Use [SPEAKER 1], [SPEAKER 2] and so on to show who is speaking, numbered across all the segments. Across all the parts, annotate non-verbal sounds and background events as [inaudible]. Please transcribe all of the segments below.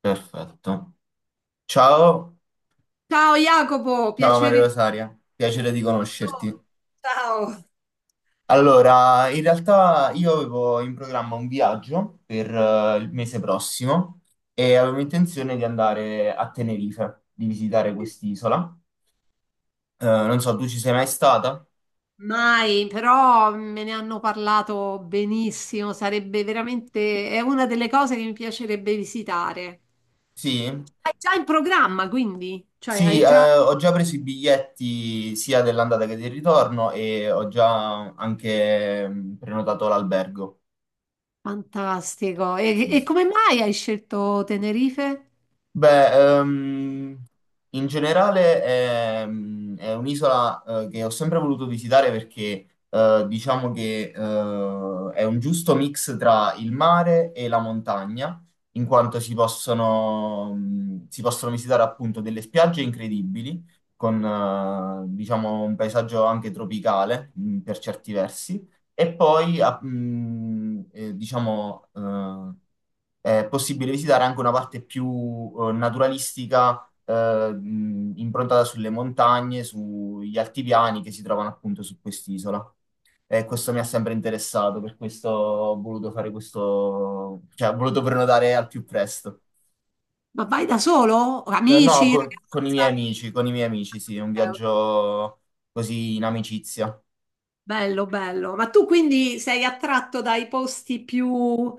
[SPEAKER 1] Perfetto. Ciao,
[SPEAKER 2] Ciao Jacopo,
[SPEAKER 1] ciao Maria
[SPEAKER 2] piacere di
[SPEAKER 1] Rosaria, piacere di conoscerti.
[SPEAKER 2] Buongiorno. Ciao.
[SPEAKER 1] Allora, in realtà io avevo in programma un viaggio per il mese prossimo e avevo intenzione di andare a Tenerife, di visitare quest'isola. Non so, tu ci sei mai stata?
[SPEAKER 2] Mai, però me ne hanno parlato benissimo, sarebbe veramente, è una delle cose che mi piacerebbe visitare.
[SPEAKER 1] Sì?
[SPEAKER 2] Hai già in programma, quindi? Cioè,
[SPEAKER 1] Sì,
[SPEAKER 2] hai già...
[SPEAKER 1] ho già preso i biglietti sia dell'andata che del ritorno e ho già anche prenotato l'albergo.
[SPEAKER 2] Fantastico. E,
[SPEAKER 1] Sì.
[SPEAKER 2] e
[SPEAKER 1] Sì.
[SPEAKER 2] come mai hai scelto Tenerife?
[SPEAKER 1] Beh, in generale è un'isola che ho sempre voluto visitare perché diciamo che è un giusto mix tra il mare e la montagna, in quanto si si possono visitare appunto delle spiagge incredibili, con diciamo un paesaggio anche tropicale per certi versi, e poi diciamo è possibile visitare anche una parte più naturalistica, improntata sulle montagne, sugli altipiani che si trovano appunto su quest'isola. E questo mi ha sempre interessato, per questo ho voluto fare questo, cioè ho voluto prenotare al più presto.
[SPEAKER 2] Ma vai da solo?
[SPEAKER 1] No,
[SPEAKER 2] Amici,
[SPEAKER 1] con i miei
[SPEAKER 2] ragazza?
[SPEAKER 1] amici, con i miei amici, sì, è un viaggio così in amicizia.
[SPEAKER 2] Bello, bello. Ma tu quindi sei attratto dai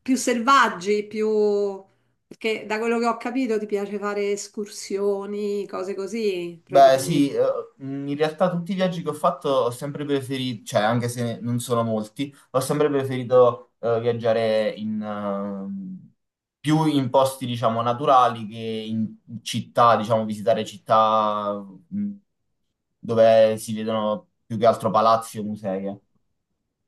[SPEAKER 2] più selvaggi, più... Perché da quello che ho capito ti piace fare escursioni, cose così,
[SPEAKER 1] Beh,
[SPEAKER 2] praticamente.
[SPEAKER 1] sì, in realtà tutti i viaggi che ho fatto ho sempre preferito, cioè anche se non sono molti, ho sempre preferito viaggiare in, più in posti, diciamo, naturali che in città, diciamo, visitare città mh, dove si vedono più che altro palazzi o musei. Eh.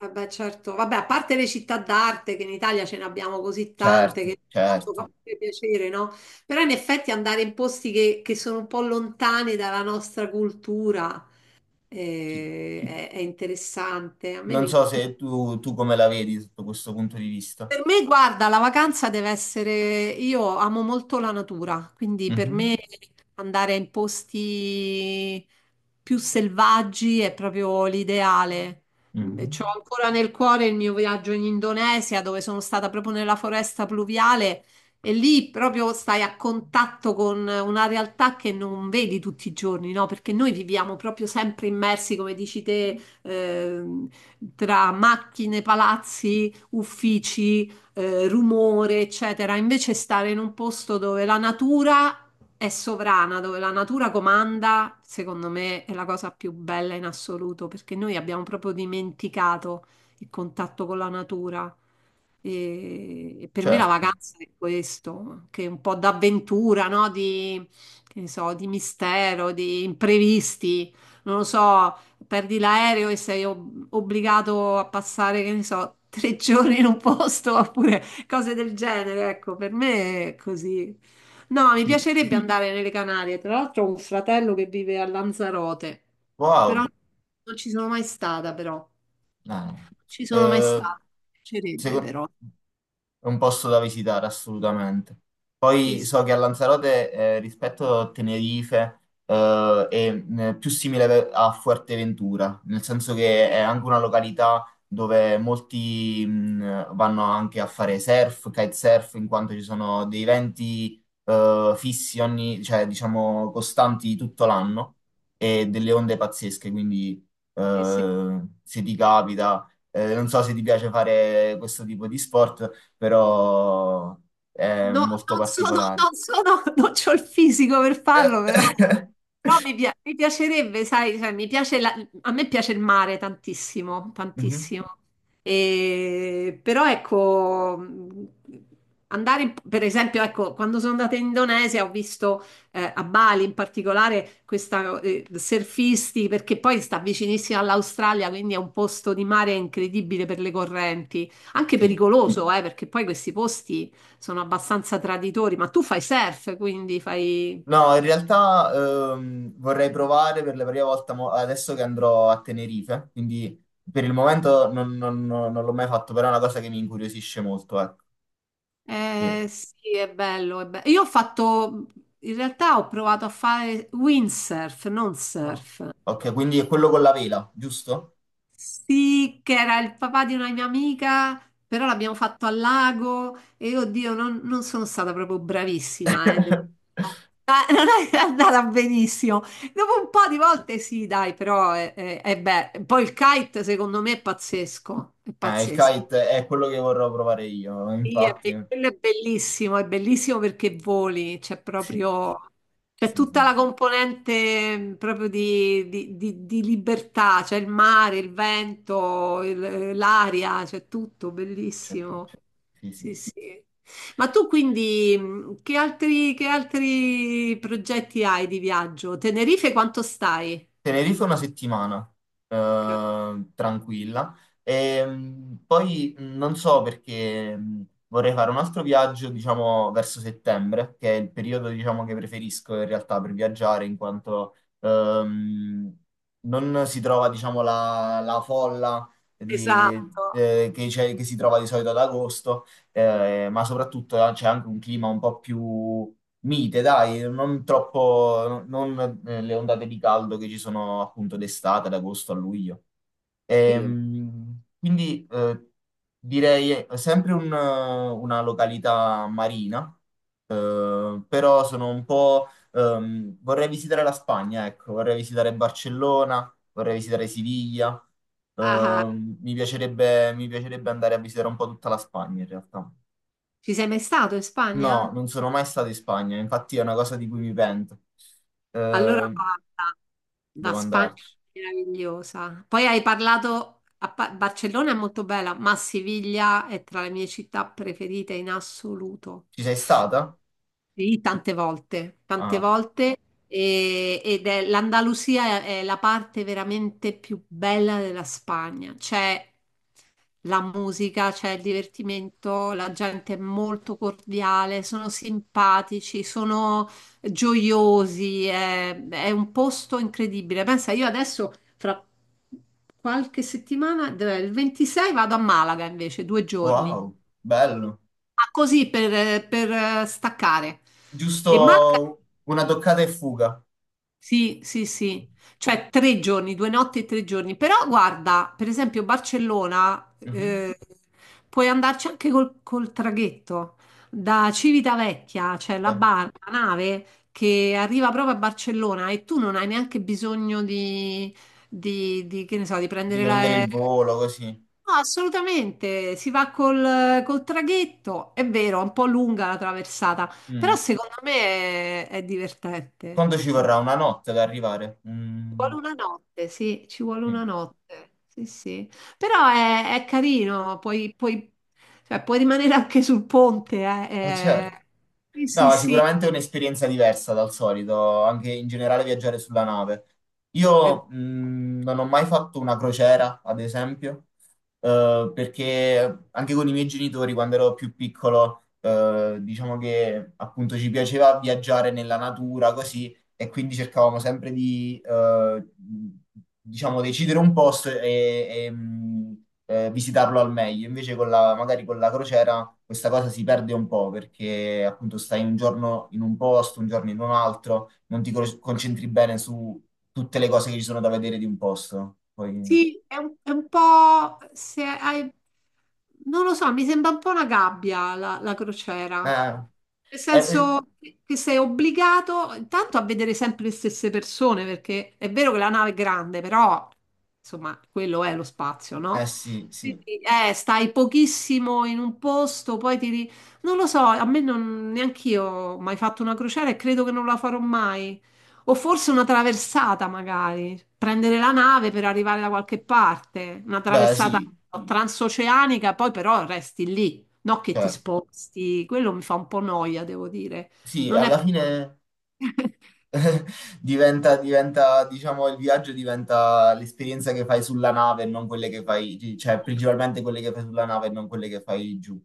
[SPEAKER 2] Vabbè, certo. Vabbè, a parte le città d'arte, che in Italia ce ne abbiamo così tante,
[SPEAKER 1] Certo,
[SPEAKER 2] che tanto
[SPEAKER 1] certo.
[SPEAKER 2] fa pure piacere, no? Però in effetti andare in posti che sono un po' lontani dalla nostra cultura
[SPEAKER 1] Sì.
[SPEAKER 2] eh, è interessante. A me
[SPEAKER 1] Non
[SPEAKER 2] mi...
[SPEAKER 1] so
[SPEAKER 2] incuriosisce.
[SPEAKER 1] se tu come la vedi sotto questo punto di vista.
[SPEAKER 2] Per me, guarda, la vacanza deve essere... Io amo molto la natura, quindi per me
[SPEAKER 1] Mhm.
[SPEAKER 2] andare in posti più selvaggi è proprio l'ideale. Mm,
[SPEAKER 1] Mhm.
[SPEAKER 2] c'ho ancora nel cuore il mio viaggio in Indonesia, dove sono stata proprio nella foresta pluviale e lì proprio stai a contatto con una realtà che non vedi tutti i giorni, no? Perché noi viviamo proprio sempre immersi, come dici te, tra macchine, palazzi uffici, rumore, eccetera. Invece stare in un posto dove la natura è sovrana, dove la natura comanda, secondo me è la cosa più bella in assoluto, perché noi abbiamo proprio dimenticato il contatto con la natura. E per me la
[SPEAKER 1] Certo,
[SPEAKER 2] vacanza è questo, che è un po' d'avventura, no? Di, che ne so, di mistero, di imprevisti. Non lo so, perdi l'aereo e sei obbligato a passare, che ne so, tre [laughs] giorni in un posto oppure cose del genere. Ecco, per me è così. No, mi
[SPEAKER 1] sì.
[SPEAKER 2] piacerebbe andare nelle Canarie. Tra l'altro ho un fratello che vive a Lanzarote, però
[SPEAKER 1] Wow.
[SPEAKER 2] non ci sono mai stata, però. Non
[SPEAKER 1] Ah.
[SPEAKER 2] ci sono mai
[SPEAKER 1] Eh,
[SPEAKER 2] stata. Mi piacerebbe,
[SPEAKER 1] secondo...
[SPEAKER 2] però.
[SPEAKER 1] È un posto da visitare assolutamente.
[SPEAKER 2] Sì,
[SPEAKER 1] Poi
[SPEAKER 2] sì,
[SPEAKER 1] so che a Lanzarote, rispetto a Tenerife, è più simile a Fuerteventura, nel senso che è
[SPEAKER 2] sì,
[SPEAKER 1] anche una località dove molti vanno anche a fare surf, kitesurf, in quanto ci sono dei venti fissi ogni, cioè diciamo costanti tutto l'anno e delle onde pazzesche, quindi
[SPEAKER 2] sì, sì.
[SPEAKER 1] se ti capita, non so se ti piace fare questo tipo di sport, però è
[SPEAKER 2] No,
[SPEAKER 1] molto
[SPEAKER 2] non sono,
[SPEAKER 1] particolare.
[SPEAKER 2] non sono, [laughs] non c'ho il fisico per farlo, però,
[SPEAKER 1] [laughs]
[SPEAKER 2] però mi, mi piacerebbe, sai, cioè, a me piace il mare tantissimo,
[SPEAKER 1] Mhm.
[SPEAKER 2] tantissimo. Però ecco, andare, per esempio, ecco, quando sono andata in Indonesia ho visto a Bali in particolare questa surfisti, perché poi sta vicinissima all'Australia, quindi è un posto di mare incredibile per le correnti, anche
[SPEAKER 1] Sì.
[SPEAKER 2] pericoloso, perché poi questi posti sono abbastanza traditori, ma tu fai surf, quindi fai...
[SPEAKER 1] No, in realtà vorrei provare per la prima volta adesso che andrò a Tenerife, quindi per il momento non l'ho mai fatto, però è una cosa che mi incuriosisce molto, ecco. Sì.
[SPEAKER 2] Sì, è bello, è bello. Io ho fatto, in realtà ho provato a fare windsurf, non
[SPEAKER 1] Ah.
[SPEAKER 2] surf.
[SPEAKER 1] Ok, quindi è quello con la vela, giusto?
[SPEAKER 2] Sì, che era il papà di una mia amica, però l'abbiamo fatto al lago e oddio, non sono stata proprio bravissima, devo-
[SPEAKER 1] [laughs]
[SPEAKER 2] [laughs] Non è andata benissimo. Dopo un po' di volte sì, dai, però è bello. Poi il kite secondo me è pazzesco, è
[SPEAKER 1] Ah, il
[SPEAKER 2] pazzesco.
[SPEAKER 1] kite è quello che vorrò provare io,
[SPEAKER 2] Sì,
[SPEAKER 1] infatti,
[SPEAKER 2] quello è bellissimo perché voli, c'è
[SPEAKER 1] sì,
[SPEAKER 2] proprio, c'è
[SPEAKER 1] sì,
[SPEAKER 2] tutta
[SPEAKER 1] sì,
[SPEAKER 2] la componente proprio di, di libertà, c'è il mare, il vento, l'aria, c'è tutto,
[SPEAKER 1] certo,
[SPEAKER 2] bellissimo.
[SPEAKER 1] sì, sì.
[SPEAKER 2] Sì, sì. Ma tu quindi che altri progetti hai di viaggio? Tenerife quanto stai?
[SPEAKER 1] Tenerife una settimana, tranquilla. E, poi non so perché vorrei fare un altro viaggio, diciamo, verso settembre, che è il periodo, diciamo, che preferisco in realtà per viaggiare, in quanto non si trova, diciamo, la folla di-
[SPEAKER 2] Esatto.
[SPEAKER 1] che, che si trova di solito ad agosto, ma soprattutto c'è anche un clima un po' più mite, dai, non troppo, non le ondate di caldo che ci sono appunto d'estate, ad agosto a luglio.
[SPEAKER 2] Sì.
[SPEAKER 1] Ehm, quindi eh, direi sempre una località marina, però sono un po'... vorrei visitare la Spagna, ecco, vorrei visitare Barcellona, vorrei visitare Siviglia,
[SPEAKER 2] Ah,
[SPEAKER 1] mi piacerebbe andare a visitare un po' tutta la Spagna in realtà.
[SPEAKER 2] ci sei mai stato in
[SPEAKER 1] No,
[SPEAKER 2] Spagna?
[SPEAKER 1] non sono mai stato in Spagna, infatti è una cosa di cui mi pento.
[SPEAKER 2] Allora
[SPEAKER 1] Eh,
[SPEAKER 2] guarda, la
[SPEAKER 1] devo
[SPEAKER 2] Spagna
[SPEAKER 1] andarci.
[SPEAKER 2] è meravigliosa. Poi hai parlato, a Barcellona è molto bella, ma Siviglia è tra le mie città preferite in assoluto.
[SPEAKER 1] Ci sei stata?
[SPEAKER 2] Sì, tante
[SPEAKER 1] Ah,
[SPEAKER 2] volte, ed è l'Andalusia è la parte veramente più bella della Spagna. C'è la musica, c'è il divertimento, la gente è molto cordiale, sono simpatici, sono gioiosi, è un posto incredibile. Pensa, io adesso fra qualche settimana, dov'è? Il 26 vado a Malaga invece, due giorni.
[SPEAKER 1] wow, bello.
[SPEAKER 2] Ah, così per staccare. E mm. Malaga,
[SPEAKER 1] Giusto una toccata e fuga.
[SPEAKER 2] sì, sì, sì, cioè tre giorni, due notti e tre giorni. Però guarda, per esempio Barcellona,
[SPEAKER 1] Mhm.
[SPEAKER 2] puoi andarci anche col traghetto da Civitavecchia, cioè la,
[SPEAKER 1] Dai,
[SPEAKER 2] la nave che arriva proprio a Barcellona e tu non hai neanche bisogno di, di, che ne so, di
[SPEAKER 1] di
[SPEAKER 2] prendere.
[SPEAKER 1] prendere il volo così.
[SPEAKER 2] No, assolutamente, si va col traghetto, è vero, è un po' lunga la traversata, però
[SPEAKER 1] Mm.
[SPEAKER 2] secondo me è divertente.
[SPEAKER 1] Quanto ci
[SPEAKER 2] Sì, ci
[SPEAKER 1] vorrà? Una notte ad arrivare? Mm.
[SPEAKER 2] vuole una notte, sì, ci vuole
[SPEAKER 1] Sì.
[SPEAKER 2] una notte, sì, sì. Però è carino, puoi, puoi- cioè, puoi rimanere anche sul ponte,
[SPEAKER 1] Certo.
[SPEAKER 2] è- Sì, sì,
[SPEAKER 1] No, sicuramente è un'esperienza diversa dal solito, anche in generale viaggiare sulla nave.
[SPEAKER 2] è,
[SPEAKER 1] Io non ho mai fatto una crociera, ad esempio, perché anche con i miei genitori, quando ero più piccolo, diciamo che appunto ci piaceva viaggiare nella natura, così, e quindi cercavamo sempre diciamo, decidere un posto e visitarlo al meglio. Invece con la, magari con la crociera questa cosa si perde un po' perché appunto stai un giorno in un posto, un giorno in un altro, non ti concentri bene su tutte le cose che ci sono da vedere di un posto. Poi,
[SPEAKER 2] sì, è un po', se hai, non lo so, mi sembra un po' una gabbia la crociera.
[SPEAKER 1] eh,
[SPEAKER 2] Nel
[SPEAKER 1] eh, eh,
[SPEAKER 2] senso che sei obbligato intanto a vedere sempre le stesse persone, perché è vero che la nave è grande, però insomma, quello è lo spazio, no?
[SPEAKER 1] sì, sì,
[SPEAKER 2] Quindi, stai pochissimo in un posto, poi ti... ri- Non lo so, a me non... neanch'io ho mai fatto una crociera e credo che non la farò mai. O forse una traversata, magari. Prendere la nave per arrivare da qualche parte. Una
[SPEAKER 1] beh
[SPEAKER 2] traversata
[SPEAKER 1] sì,
[SPEAKER 2] transoceanica, poi però resti lì. No che ti
[SPEAKER 1] certo.
[SPEAKER 2] sposti. Quello mi fa un po' noia, devo dire.
[SPEAKER 1] Sì,
[SPEAKER 2] Non è...
[SPEAKER 1] alla fine
[SPEAKER 2] [laughs]
[SPEAKER 1] diciamo, il viaggio diventa l'esperienza che fai sulla nave e non quelle che fai, cioè principalmente quelle che fai sulla nave e non quelle che fai giù,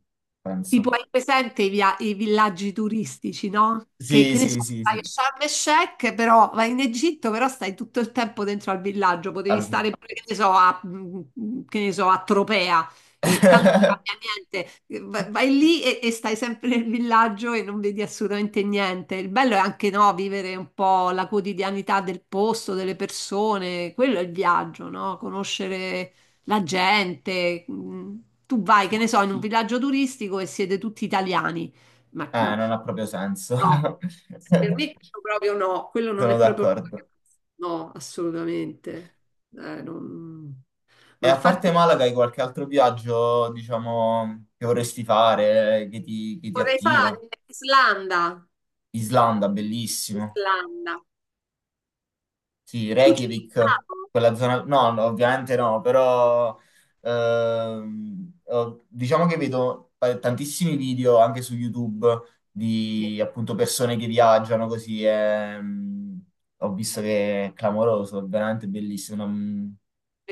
[SPEAKER 2] Tipo,
[SPEAKER 1] penso.
[SPEAKER 2] hai presente i, i villaggi turistici, no?
[SPEAKER 1] Sì,
[SPEAKER 2] Che ne so,
[SPEAKER 1] sì, sì,
[SPEAKER 2] vai a
[SPEAKER 1] sì.
[SPEAKER 2] Sharm el Sheikh, però vai in Egitto, però stai tutto il tempo dentro al villaggio, potevi
[SPEAKER 1] Al-
[SPEAKER 2] stare pure, che ne so, a, mm, che ne so, a Tropea, e tanto non cambia
[SPEAKER 1] [laughs]
[SPEAKER 2] niente. Vai, vai lì e stai sempre nel villaggio e non vedi assolutamente niente. Il bello è anche, no, vivere un po' la quotidianità del posto, delle persone, quello è il viaggio, no? Conoscere la gente. Mm, tu vai,
[SPEAKER 1] Sì.
[SPEAKER 2] che ne so, in un villaggio turistico e siete tutti italiani. Ma mm,
[SPEAKER 1] Non ha proprio senso.
[SPEAKER 2] no, per me
[SPEAKER 1] [laughs]
[SPEAKER 2] quello proprio no, quello non
[SPEAKER 1] Sono
[SPEAKER 2] è proprio una
[SPEAKER 1] d'accordo.
[SPEAKER 2] vacanza. No, assolutamente. Non-
[SPEAKER 1] E
[SPEAKER 2] Ma
[SPEAKER 1] a parte
[SPEAKER 2] infatti
[SPEAKER 1] Malaga, hai qualche altro viaggio, diciamo, che vorresti fare, che che ti
[SPEAKER 2] vorrei
[SPEAKER 1] attira?
[SPEAKER 2] fare Islanda.
[SPEAKER 1] Islanda, bellissimo.
[SPEAKER 2] Islanda.
[SPEAKER 1] Sì,
[SPEAKER 2] Tu ci sei
[SPEAKER 1] Reykjavik,
[SPEAKER 2] stato?
[SPEAKER 1] quella zona... No, no, ovviamente no, però diciamo che vedo tantissimi video anche su YouTube
[SPEAKER 2] Sì.
[SPEAKER 1] di appunto persone che viaggiano così e ho visto che è clamoroso, è veramente bellissimo,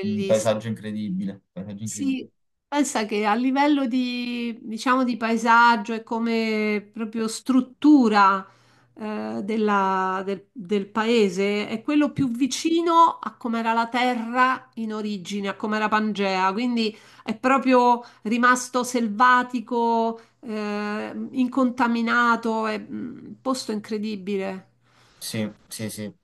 [SPEAKER 1] un paesaggio incredibile, paesaggio incredibile.
[SPEAKER 2] Sì, pensa che a livello di, diciamo, di paesaggio e come proprio struttura del, del paese è quello più vicino a come era la terra in origine, a come era Pangea, quindi è proprio rimasto selvatico, incontaminato, è mm, un posto incredibile.
[SPEAKER 1] Sì, sì, sì.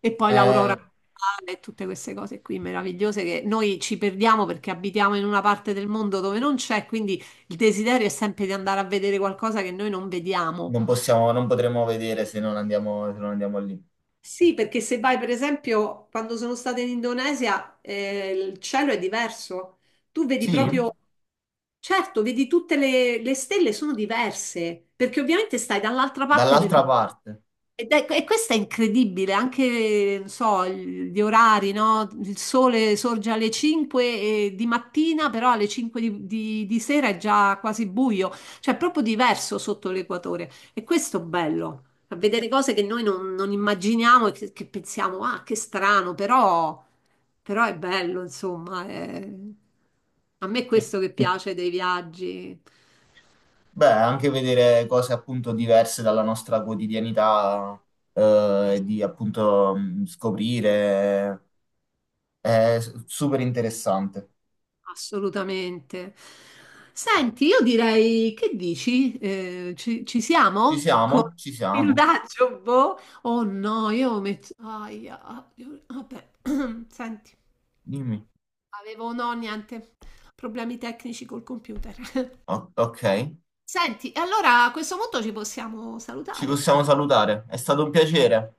[SPEAKER 2] E poi l'aurora
[SPEAKER 1] Eh,
[SPEAKER 2] boreale e tutte queste cose qui meravigliose che noi ci perdiamo perché abitiamo in una parte del mondo dove non c'è, quindi il desiderio è sempre di andare a vedere qualcosa che noi non vediamo.
[SPEAKER 1] non possiamo, non potremo vedere se non andiamo, se non andiamo lì.
[SPEAKER 2] Sì, perché se vai, per esempio, quando sono stata in Indonesia, il cielo è diverso. Tu vedi
[SPEAKER 1] Sì,
[SPEAKER 2] proprio, certo, vedi tutte le stelle sono diverse, perché ovviamente stai dall'altra parte del.
[SPEAKER 1] dall'altra parte.
[SPEAKER 2] E questo è incredibile, anche, non so, il- gli orari, no? Il sole sorge alle 5 di mattina, però alle 5 di, di sera è già quasi buio, cioè è proprio diverso sotto l'equatore. E questo è bello, a vedere cose che noi non, non immaginiamo e che pensiamo, ah, che strano, però, però è bello, insomma. È- A me è
[SPEAKER 1] Sì.
[SPEAKER 2] questo che piace dei viaggi.
[SPEAKER 1] Beh, anche vedere cose appunto diverse dalla nostra quotidianità, e di appunto scoprire, è super interessante.
[SPEAKER 2] Assolutamente. Senti, io direi, che dici? Ci
[SPEAKER 1] Ci
[SPEAKER 2] siamo? Con
[SPEAKER 1] siamo? Ci
[SPEAKER 2] il
[SPEAKER 1] siamo.
[SPEAKER 2] daggio, boh? Oh no, io metto... Aia, ah, io- vabbè, [clears throat] senti,
[SPEAKER 1] Dimmi.
[SPEAKER 2] avevo no, niente, problemi tecnici col computer. [laughs]
[SPEAKER 1] Ok,
[SPEAKER 2] Senti, e allora a questo punto ci possiamo
[SPEAKER 1] ci
[SPEAKER 2] salutare.
[SPEAKER 1] possiamo salutare. È stato un piacere.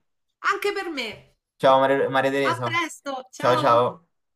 [SPEAKER 2] Anche per me.
[SPEAKER 1] Ciao Maria
[SPEAKER 2] A
[SPEAKER 1] Teresa.
[SPEAKER 2] presto,
[SPEAKER 1] Ciao
[SPEAKER 2] ciao!
[SPEAKER 1] ciao.